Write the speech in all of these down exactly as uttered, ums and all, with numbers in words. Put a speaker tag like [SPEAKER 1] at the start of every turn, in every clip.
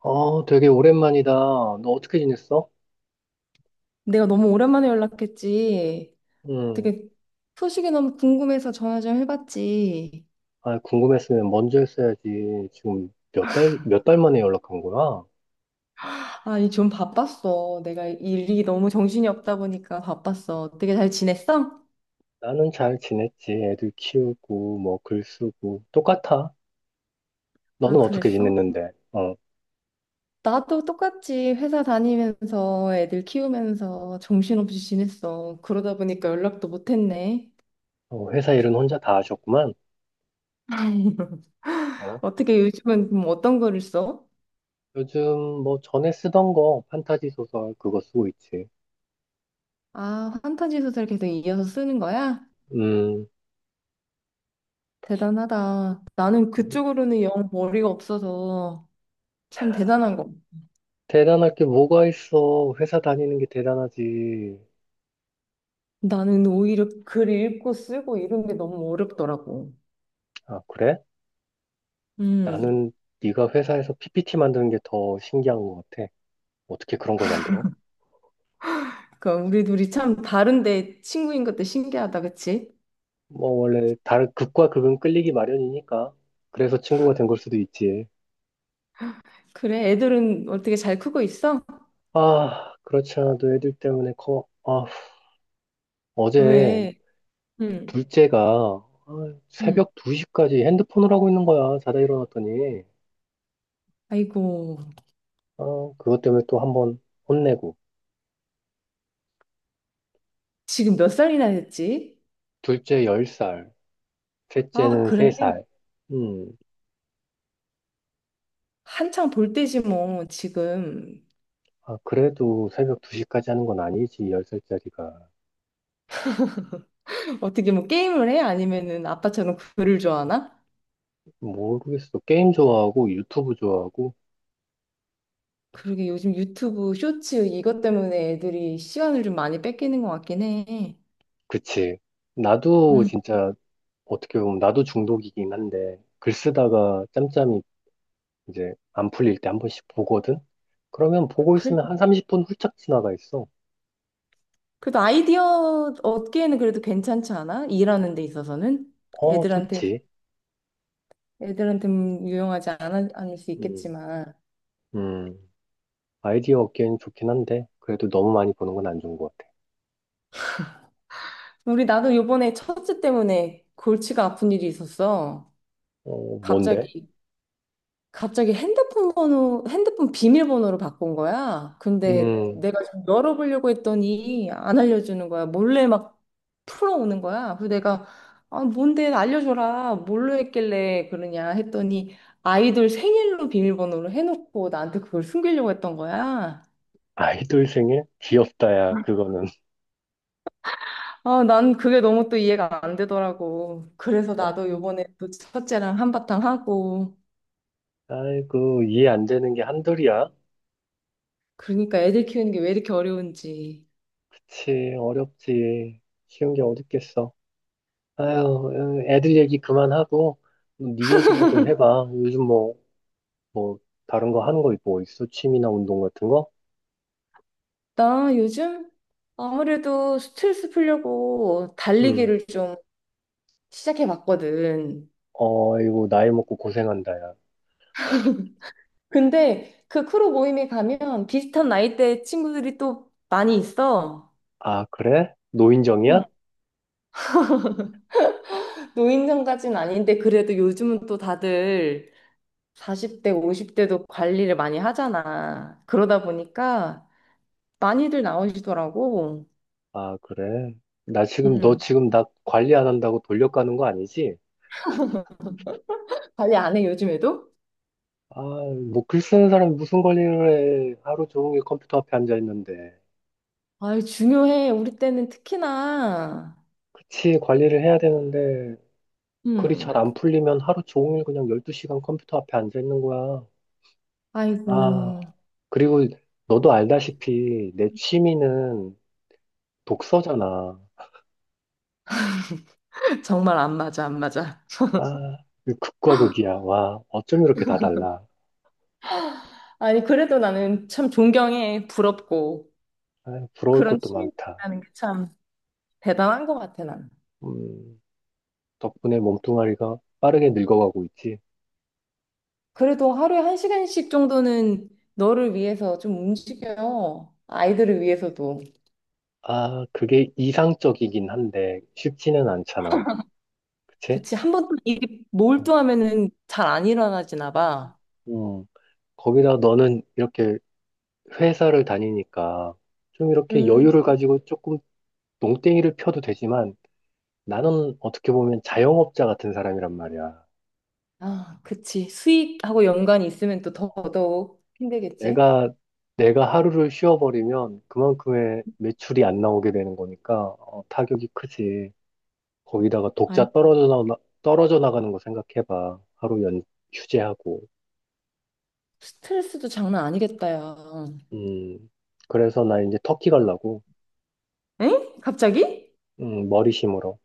[SPEAKER 1] 어, 되게 오랜만이다. 너 어떻게 지냈어?
[SPEAKER 2] 내가 너무 오랜만에 연락했지.
[SPEAKER 1] 응.
[SPEAKER 2] 되게 소식이 너무 궁금해서 전화 좀 해봤지.
[SPEAKER 1] 아, 궁금했으면 먼저 했어야지. 지금 몇 달, 몇 달 만에 연락한 거야?
[SPEAKER 2] 아, 이좀 바빴어. 내가 일이 너무 정신이 없다 보니까 바빴어. 되게 잘 지냈어?
[SPEAKER 1] 나는 잘 지냈지. 애들 키우고, 뭐, 글 쓰고. 똑같아.
[SPEAKER 2] 아,
[SPEAKER 1] 너는 어떻게
[SPEAKER 2] 그랬어?
[SPEAKER 1] 지냈는데? 어,
[SPEAKER 2] 나도 똑같이 회사 다니면서 애들 키우면서 정신없이 지냈어. 그러다 보니까 연락도 못했네.
[SPEAKER 1] 어, 회사 일은 혼자 다 하셨구만. 어,
[SPEAKER 2] 어떻게 요즘은 그럼 어떤 거를 써?
[SPEAKER 1] 요즘 뭐 전에 쓰던 거, 판타지 소설 그거 쓰고 있지.
[SPEAKER 2] 아, 판타지 소설 계속 이어서 쓰는 거야?
[SPEAKER 1] 음,
[SPEAKER 2] 대단하다. 나는 그쪽으로는 영 머리가 없어서. 참 대단한 거.
[SPEAKER 1] 대단할 게 뭐가 있어. 회사 다니는 게 대단하지.
[SPEAKER 2] 나는 오히려 글 읽고 쓰고 이런 게 너무 어렵더라고.
[SPEAKER 1] 아, 그래?
[SPEAKER 2] 음.
[SPEAKER 1] 나는 네가 회사에서 피피티 만드는 게 더 신기한 것 같아. 어떻게 그런 걸 만들어?
[SPEAKER 2] 그러니까 우리 둘이 참 다른데 친구인 것도 신기하다, 그치?
[SPEAKER 1] 뭐 원래 다른 극과 극은 끌리기 마련이니까 그래서 친구가 된 걸 수도 있지.
[SPEAKER 2] 그래, 애들은 어떻게 잘 크고 있어?
[SPEAKER 1] 아, 그렇지 않아도 애들 때문에 커. 아, 어제
[SPEAKER 2] 왜? 음.
[SPEAKER 1] 둘째가 아,
[SPEAKER 2] 음.
[SPEAKER 1] 새벽 두 시까지 핸드폰을 하고 있는 거야. 자다 일어났더니.
[SPEAKER 2] 아이고,
[SPEAKER 1] 아, 그것 때문에 또 한 번 혼내고.
[SPEAKER 2] 지금 몇 살이나 됐지?
[SPEAKER 1] 둘째 열 살,
[SPEAKER 2] 아,
[SPEAKER 1] 셋째는
[SPEAKER 2] 그래.
[SPEAKER 1] 세 살. 음.
[SPEAKER 2] 한창 볼 때지 뭐, 지금.
[SPEAKER 1] 아, 그래도 새벽 두 시까지 하는 건 아니지, 열 살짜리가.
[SPEAKER 2] 어떻게 뭐 게임을 해? 아니면은 아빠처럼 글을 좋아하나?
[SPEAKER 1] 모르겠어. 게임 좋아하고 유튜브 좋아하고.
[SPEAKER 2] 그러게 요즘 유튜브 쇼츠 이것 때문에 애들이 시간을 좀 많이 뺏기는 것 같긴 해.
[SPEAKER 1] 그치. 나도 진짜 어떻게 보면 나도 중독이긴 한데 글 쓰다가 짬짬이 이제 안 풀릴 때 한 번씩 보거든? 그러면 보고
[SPEAKER 2] 그래,
[SPEAKER 1] 있으면 한 삼십 분 훌쩍 지나가 있어.
[SPEAKER 2] 그래도 아이디어 얻기에는 그래도 괜찮지 않아? 일하는 데 있어서는
[SPEAKER 1] 어,
[SPEAKER 2] 애들한테
[SPEAKER 1] 좋지.
[SPEAKER 2] 애들한테 유용하지 않아, 않을 수
[SPEAKER 1] 음,
[SPEAKER 2] 있겠지만
[SPEAKER 1] 음. 아이디어 얻기엔 좋긴 한데 그래도 너무 많이 보는 건 안 좋은 것 같아.
[SPEAKER 2] 우리 나도 요번에 첫째 때문에 골치가 아픈 일이 있었어.
[SPEAKER 1] 어, 뭔데?
[SPEAKER 2] 갑자기 갑자기 핸드폰 번호, 핸드폰 비밀번호로 바꾼 거야. 근데
[SPEAKER 1] 음,
[SPEAKER 2] 내가 좀 열어보려고 했더니 안 알려주는 거야. 몰래 막 풀어오는 거야. 그래서 내가 아, 뭔데 알려줘라. 뭘로 했길래 그러냐 했더니 아이돌 생일로 비밀번호로 해놓고 나한테 그걸 숨기려고 했던 거야.
[SPEAKER 1] 아이돌 생일? 귀엽다야, 그거는.
[SPEAKER 2] 아, 난 그게 너무 또 이해가 안 되더라고. 그래서
[SPEAKER 1] 어,
[SPEAKER 2] 나도 요번에 또 첫째랑 한바탕 하고.
[SPEAKER 1] 아이고, 이해 안 되는 게 한둘이야.
[SPEAKER 2] 그러니까 애들 키우는 게 왜 이렇게 어려운지.
[SPEAKER 1] 그치, 어렵지. 쉬운 게 어딨겠어. 아유, 애들 얘기 그만하고, 뭐 네 얘기나 좀 해봐. 요즘 뭐, 뭐, 다른 거 하는 거 뭐 있어? 취미나 운동 같은 거?
[SPEAKER 2] 나 요즘 아무래도 스트레스 풀려고
[SPEAKER 1] 응.
[SPEAKER 2] 달리기를 좀 시작해 봤거든.
[SPEAKER 1] 어, 이거 나이 먹고 고생한다, 야.
[SPEAKER 2] 근데 그 크루 모임에 가면 비슷한 나이대 친구들이 또 많이 있어.
[SPEAKER 1] 아, 그래? 노인정이야?
[SPEAKER 2] 응. 노인정까지는 아닌데 그래도 요즘은 또 다들 사십 대, 오십 대도 관리를 많이 하잖아. 그러다 보니까 많이들 나오시더라고.
[SPEAKER 1] 아, 그래. 나 지금, 너
[SPEAKER 2] 음.
[SPEAKER 1] 지금 나 관리 안 한다고 돌려가는 거 아니지?
[SPEAKER 2] 관리 안 해, 요즘에도?
[SPEAKER 1] 아, 뭐, 글 쓰는 사람이 무슨 관리를 해. 하루 종일 컴퓨터 앞에 앉아 있는데.
[SPEAKER 2] 아이, 중요해. 우리 때는 특히나.
[SPEAKER 1] 그치, 관리를 해야 되는데. 글이 잘
[SPEAKER 2] 음.
[SPEAKER 1] 안 풀리면 하루 종일 그냥 열두 시간 컴퓨터 앞에 앉아 있는 거야.
[SPEAKER 2] 아이고.
[SPEAKER 1] 아, 그리고 너도 알다시피 내 취미는 독서잖아.
[SPEAKER 2] 정말 안 맞아, 안 맞아.
[SPEAKER 1] 아, 이 극과 극이야. 와, 어쩜 이렇게 다 달라.
[SPEAKER 2] 아니, 그래도 나는 참 존경해, 부럽고.
[SPEAKER 1] 아, 부러울
[SPEAKER 2] 그런
[SPEAKER 1] 것도
[SPEAKER 2] 취미가
[SPEAKER 1] 많다.
[SPEAKER 2] 있다는 게 참 대단한 것 같아, 난.
[SPEAKER 1] 음, 덕분에 몸뚱아리가 빠르게 늙어가고 있지.
[SPEAKER 2] 그래도 하루에 한 시간씩 정도는 너를 위해서 좀 움직여요. 아이들을 위해서도.
[SPEAKER 1] 아, 그게 이상적이긴 한데 쉽지는 않잖아. 그치?
[SPEAKER 2] 그치, 한 번 일이
[SPEAKER 1] 어,
[SPEAKER 2] 몰두하면은 잘 안 일어나지나 봐.
[SPEAKER 1] 음, 거기다 너는 이렇게 회사를 다니니까 좀 이렇게
[SPEAKER 2] 음,
[SPEAKER 1] 여유를 가지고 조금 농땡이를 펴도 되지만 나는 어떻게 보면 자영업자 같은 사람이란 말이야.
[SPEAKER 2] 아, 그치. 수익하고 연관이 있으면 또 더더욱 힘들겠지.
[SPEAKER 1] 내가, 내가 하루를 쉬어버리면 그만큼의 매출이 안 나오게 되는 거니까 어, 타격이 크지. 거기다가
[SPEAKER 2] 아니
[SPEAKER 1] 독자 떨어져 나, 떨어져 나가는 거 생각해봐. 하루 연, 휴재하고.
[SPEAKER 2] 스트레스도 장난 아니겠다, 야.
[SPEAKER 1] 음, 그래서 나 이제 터키 가려고.
[SPEAKER 2] 엥? 갑자기?
[SPEAKER 1] 음, 머리 심으러.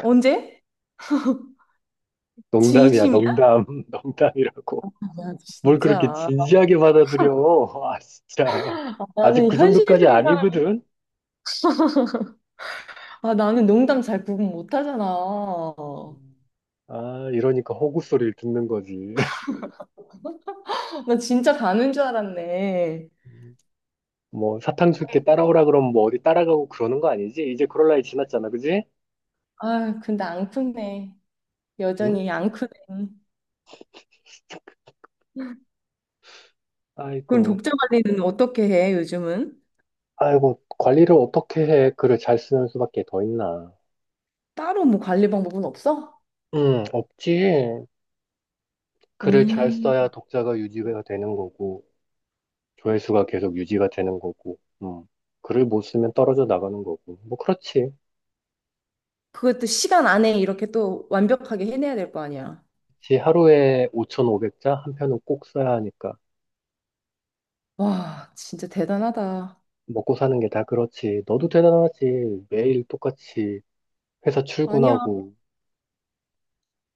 [SPEAKER 2] 언제?
[SPEAKER 1] 농담이야,
[SPEAKER 2] 진심이야?
[SPEAKER 1] 농담, 농담이라고.
[SPEAKER 2] 야,
[SPEAKER 1] 뭘 그렇게
[SPEAKER 2] 진짜.
[SPEAKER 1] 진지하게 받아들여. 아, 진짜.
[SPEAKER 2] 아,
[SPEAKER 1] 아직
[SPEAKER 2] 나는
[SPEAKER 1] 그 정도까지
[SPEAKER 2] 현실적인 사람,
[SPEAKER 1] 아니거든?
[SPEAKER 2] 아, 나는 농담 잘 구분 못 하잖아.
[SPEAKER 1] 아, 이러니까 호구 소리를 듣는 거지.
[SPEAKER 2] 나 진짜 가는 줄 알았네.
[SPEAKER 1] 음. 뭐, 사탕 줄게 따라오라 그러면 뭐 어디 따라가고 그러는 거 아니지? 이제 그럴 나이 지났잖아, 그지?
[SPEAKER 2] 아, 근데 안 크네.
[SPEAKER 1] 응?
[SPEAKER 2] 여전히 안 크네. 그럼
[SPEAKER 1] 아이고,
[SPEAKER 2] 독자 관리는 어떻게 해, 요즘은?
[SPEAKER 1] 아이고, 관리를 어떻게 해? 글을 잘 쓰는 수밖에 더 있나?
[SPEAKER 2] 따로 뭐 관리 방법은 없어?
[SPEAKER 1] 음, 없지. 글을 잘
[SPEAKER 2] 음,
[SPEAKER 1] 써야 독자가 유지가 되는 거고, 조회수가 계속 유지가 되는 거고, 음, 글을 못 쓰면 떨어져 나가는 거고. 뭐, 그렇지.
[SPEAKER 2] 그것도 시간 안에 이렇게 또 완벽하게 해내야 될 거 아니야.
[SPEAKER 1] 지 하루에 오천오백 자 한 편은 꼭 써야 하니까
[SPEAKER 2] 와, 진짜 대단하다.
[SPEAKER 1] 먹고 사는 게 다 그렇지. 너도 대단하지. 매일 똑같이 회사
[SPEAKER 2] 아니야.
[SPEAKER 1] 출근하고.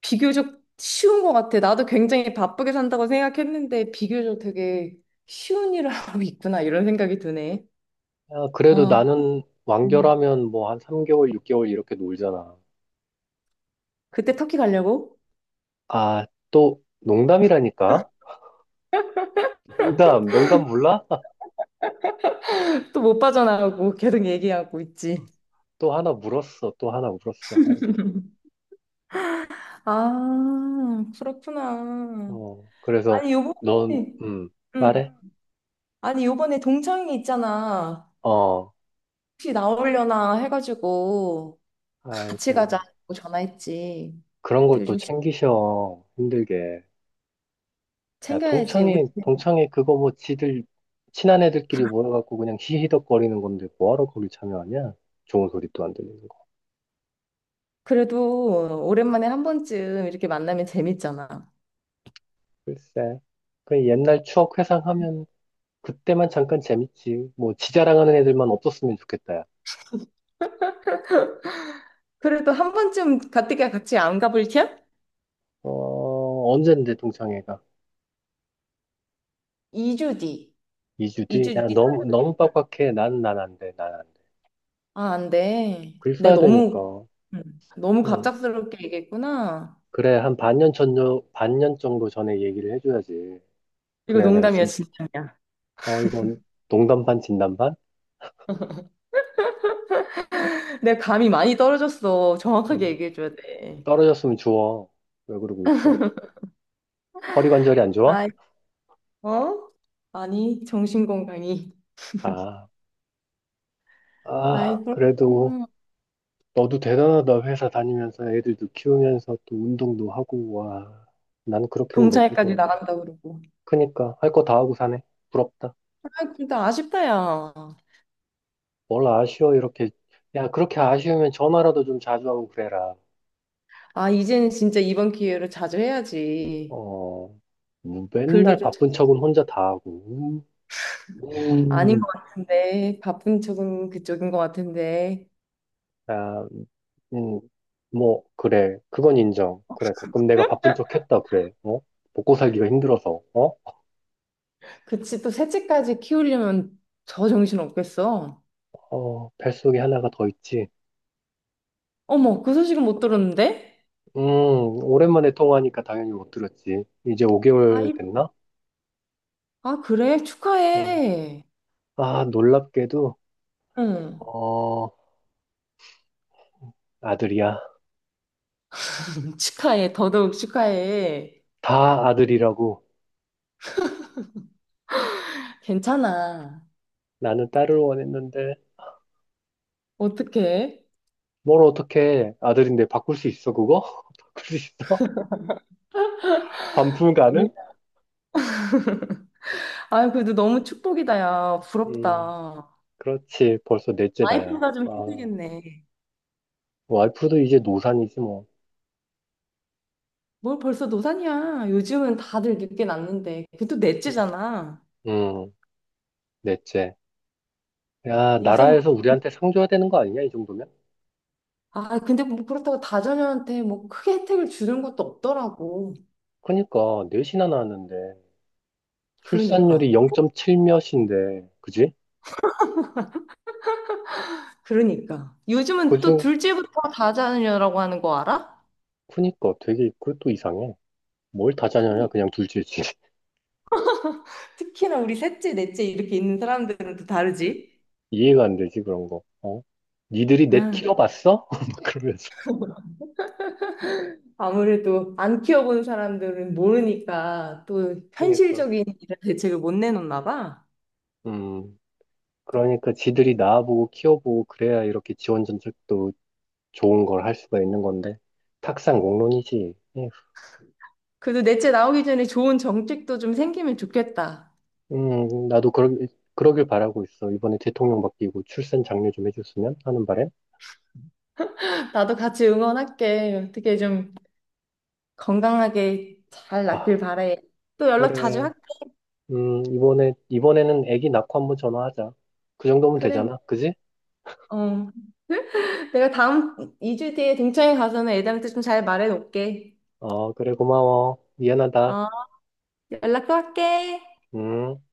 [SPEAKER 2] 비교적 쉬운 것 같아. 나도 굉장히 바쁘게 산다고 생각했는데 비교적 되게 쉬운 일을 하고 있구나 이런 생각이 드네.
[SPEAKER 1] 야, 그래도
[SPEAKER 2] 와,
[SPEAKER 1] 나는
[SPEAKER 2] 음.
[SPEAKER 1] 완결하면 뭐 한 삼 개월, 육 개월 이렇게 놀잖아.
[SPEAKER 2] 그때 터키 가려고?
[SPEAKER 1] 아, 또 농담이라니까? 농담, 농담 몰라?
[SPEAKER 2] 또 못 빠져나가고 계속 얘기하고 있지.
[SPEAKER 1] 또 하나 물었어. 또 하나 물었어. 아이고.
[SPEAKER 2] 아, 그렇구나.
[SPEAKER 1] 어, 그래서
[SPEAKER 2] 아니, 요번에,
[SPEAKER 1] 넌, 음,
[SPEAKER 2] 음.
[SPEAKER 1] 말해?
[SPEAKER 2] 아니, 요번에 동창이 있잖아.
[SPEAKER 1] 어,
[SPEAKER 2] 혹시 나오려나 해가지고 같이
[SPEAKER 1] 아이고.
[SPEAKER 2] 가자고 전화했지.
[SPEAKER 1] 그런
[SPEAKER 2] 근데
[SPEAKER 1] 걸 또
[SPEAKER 2] 요즘 시-
[SPEAKER 1] 챙기셔. 힘들게. 야,
[SPEAKER 2] 챙겨야지. 우리
[SPEAKER 1] 동창회, 동창회 그거 뭐 지들, 친한 애들끼리 모여갖고 그냥 히히덕거리는 건데 뭐하러 거기 참여하냐? 좋은 소리도 안 들리는 거.
[SPEAKER 2] 그래도 오랜만에 한 번쯤 이렇게 만나면 재밌잖아.
[SPEAKER 1] 글쎄. 그 옛날 추억 회상하면 그때만 잠깐 재밌지. 뭐 지 자랑하는 애들만 없었으면 좋겠다, 야.
[SPEAKER 2] 그래도 한 번쯤 가뜩이 같이 안 가볼 티야?
[SPEAKER 1] 어, 언젠데 동창회가?
[SPEAKER 2] 이 주 뒤.
[SPEAKER 1] 이 주 뒤?
[SPEAKER 2] 이 주
[SPEAKER 1] 야,
[SPEAKER 2] 뒤
[SPEAKER 1] 너무, 너무
[SPEAKER 2] 토요일.
[SPEAKER 1] 빡빡해. 난, 난 안 돼. 난 안 돼.
[SPEAKER 2] 아, 안 돼.
[SPEAKER 1] 글
[SPEAKER 2] 내가
[SPEAKER 1] 써야
[SPEAKER 2] 너무,
[SPEAKER 1] 되니까.
[SPEAKER 2] 음, 너무
[SPEAKER 1] 응.
[SPEAKER 2] 갑작스럽게 얘기했구나.
[SPEAKER 1] 그래, 한 반년 전, 반년 정도 전에 얘기를 해줘야지.
[SPEAKER 2] 이거
[SPEAKER 1] 그래야 내가
[SPEAKER 2] 농담이야,
[SPEAKER 1] 준비,
[SPEAKER 2] 진담이야.
[SPEAKER 1] 어, 이건 농담 반, 진담 반?
[SPEAKER 2] 내 감이 많이 떨어졌어. 정확하게 얘기해줘야 돼.
[SPEAKER 1] 떨어졌으면 주워. 왜 그러고 있어? 허리 관절이 안 좋아?
[SPEAKER 2] 아이, 어? 아니, 정신건강이.
[SPEAKER 1] 아,
[SPEAKER 2] 아이,
[SPEAKER 1] 아, 그래도
[SPEAKER 2] 그렇구나.
[SPEAKER 1] 너도 대단하다. 회사 다니면서 애들도 키우면서 또 운동도 하고, 와. 난 그렇게는 못 할
[SPEAKER 2] 동창회까지
[SPEAKER 1] 것 같아.
[SPEAKER 2] 나간다 그러고.
[SPEAKER 1] 그니까, 할 거 다 하고 사네. 부럽다.
[SPEAKER 2] 아, 근데 아쉽다, 야.
[SPEAKER 1] 뭘 아쉬워, 이렇게. 야, 그렇게 아쉬우면 전화라도 좀 자주 하고 그래라.
[SPEAKER 2] 아, 이제는 진짜 이번 기회로 자주 해야지.
[SPEAKER 1] 어, 뭐
[SPEAKER 2] 글도
[SPEAKER 1] 맨날
[SPEAKER 2] 좀 잘-
[SPEAKER 1] 바쁜 척은 혼자 다 하고.
[SPEAKER 2] 아닌
[SPEAKER 1] 음.
[SPEAKER 2] 것 같은데 바쁜 쪽은 그쪽인 것 같은데
[SPEAKER 1] 아, 음, 뭐, 그래. 그건 인정. 그래. 가끔 내가 바쁜 척 했다. 그래. 어? 먹고 살기가 힘들어서. 어?
[SPEAKER 2] 그치 또 셋째까지 키우려면 저 정신 없겠어.
[SPEAKER 1] 어, 뱃속에 하나가 더 있지.
[SPEAKER 2] 어머, 그 소식은 못 들었는데.
[SPEAKER 1] 음, 오랜만에 통화하니까 당연히 못 들었지. 이제
[SPEAKER 2] 아,
[SPEAKER 1] 오 개월
[SPEAKER 2] 이-
[SPEAKER 1] 됐나?
[SPEAKER 2] 아, 그래,
[SPEAKER 1] 어.
[SPEAKER 2] 축하해.
[SPEAKER 1] 아, 놀랍게도,
[SPEAKER 2] 응,
[SPEAKER 1] 어, 아들이야.
[SPEAKER 2] 축하해, 더더욱 축하해.
[SPEAKER 1] 다 아들이라고.
[SPEAKER 2] 괜찮아.
[SPEAKER 1] 나는 딸을 원했는데,
[SPEAKER 2] 어떡해.
[SPEAKER 1] 뭘 어떻게 아들인데 바꿀 수 있어, 그거? 바꿀 수 있어? 반품
[SPEAKER 2] 아니
[SPEAKER 1] 가능?
[SPEAKER 2] 아, 그래도 너무 축복이다, 야,
[SPEAKER 1] 음,
[SPEAKER 2] 부럽다.
[SPEAKER 1] 그렇지. 벌써 넷째 다야.
[SPEAKER 2] 와이프가 좀
[SPEAKER 1] 아.
[SPEAKER 2] 힘들겠네.
[SPEAKER 1] 와이프도 이제 노산이지 뭐.
[SPEAKER 2] 뭘 벌써 노산이야, 요즘은 다들 늦게 낳는데. 그것도 넷째잖아.
[SPEAKER 1] 음, 넷째. 야,
[SPEAKER 2] 이제 뭐,
[SPEAKER 1] 나라에서 우리한테 상 줘야 되는 거 아니냐, 이 정도면?
[SPEAKER 2] 아, 근데 뭐 그렇다고 다자녀한테 뭐 크게 혜택을 주는 것도 없더라고.
[SPEAKER 1] 그니까, 넷이나 낳았는데,
[SPEAKER 2] 그러니까.
[SPEAKER 1] 출산율이 영 점 칠 몇인데, 그지?
[SPEAKER 2] 그러니까. 요즘은 또
[SPEAKER 1] 그중,
[SPEAKER 2] 둘째부터 다자녀라고 하는 거 알아?
[SPEAKER 1] 그니까 되게, 그것도 이상해. 뭘 다자냐냐,
[SPEAKER 2] 그러니
[SPEAKER 1] 그냥 둘째지.
[SPEAKER 2] 특히나 우리 셋째, 넷째 이렇게 있는 사람들은 또 다르지.
[SPEAKER 1] 이해가 안 되지, 그런 거. 어? 니들이 넷
[SPEAKER 2] 아,
[SPEAKER 1] 키워봤어? 막 그러면서.
[SPEAKER 2] 아무래도 안 키워본 사람들은 모르니까 또
[SPEAKER 1] 그니까,
[SPEAKER 2] 현실적인 이런 대책을 못 내놓나 봐.
[SPEAKER 1] 음, 그러니까 지들이 낳아보고 키워보고, 그래야 이렇게 지원 정책도 좋은 걸 할 수가 있는 건데, 탁상공론이지.
[SPEAKER 2] 그래도 넷째 나오기 전에 좋은 정책도 좀 생기면 좋겠다.
[SPEAKER 1] 음, 나도 그러, 그러길 바라고 있어. 이번에 대통령 바뀌고 출산 장려 좀 해줬으면 하는 바람.
[SPEAKER 2] 나도 같이 응원할게. 어떻게 좀 건강하게 잘 낫길
[SPEAKER 1] 아,
[SPEAKER 2] 바래. 또 연락 자주
[SPEAKER 1] 그래.
[SPEAKER 2] 할게.
[SPEAKER 1] 음, 이번에, 이번에는 애기 낳고 한번 전화하자. 그 정도면
[SPEAKER 2] 그래.
[SPEAKER 1] 되잖아. 그지?
[SPEAKER 2] 어. 내가 다음 이 주 뒤에 등촌에 가서는 애들한테 좀 잘 말해 놓을게.
[SPEAKER 1] 어, 그래, 고마워. 미안하다.
[SPEAKER 2] 어, 연락 또 할게.
[SPEAKER 1] 음.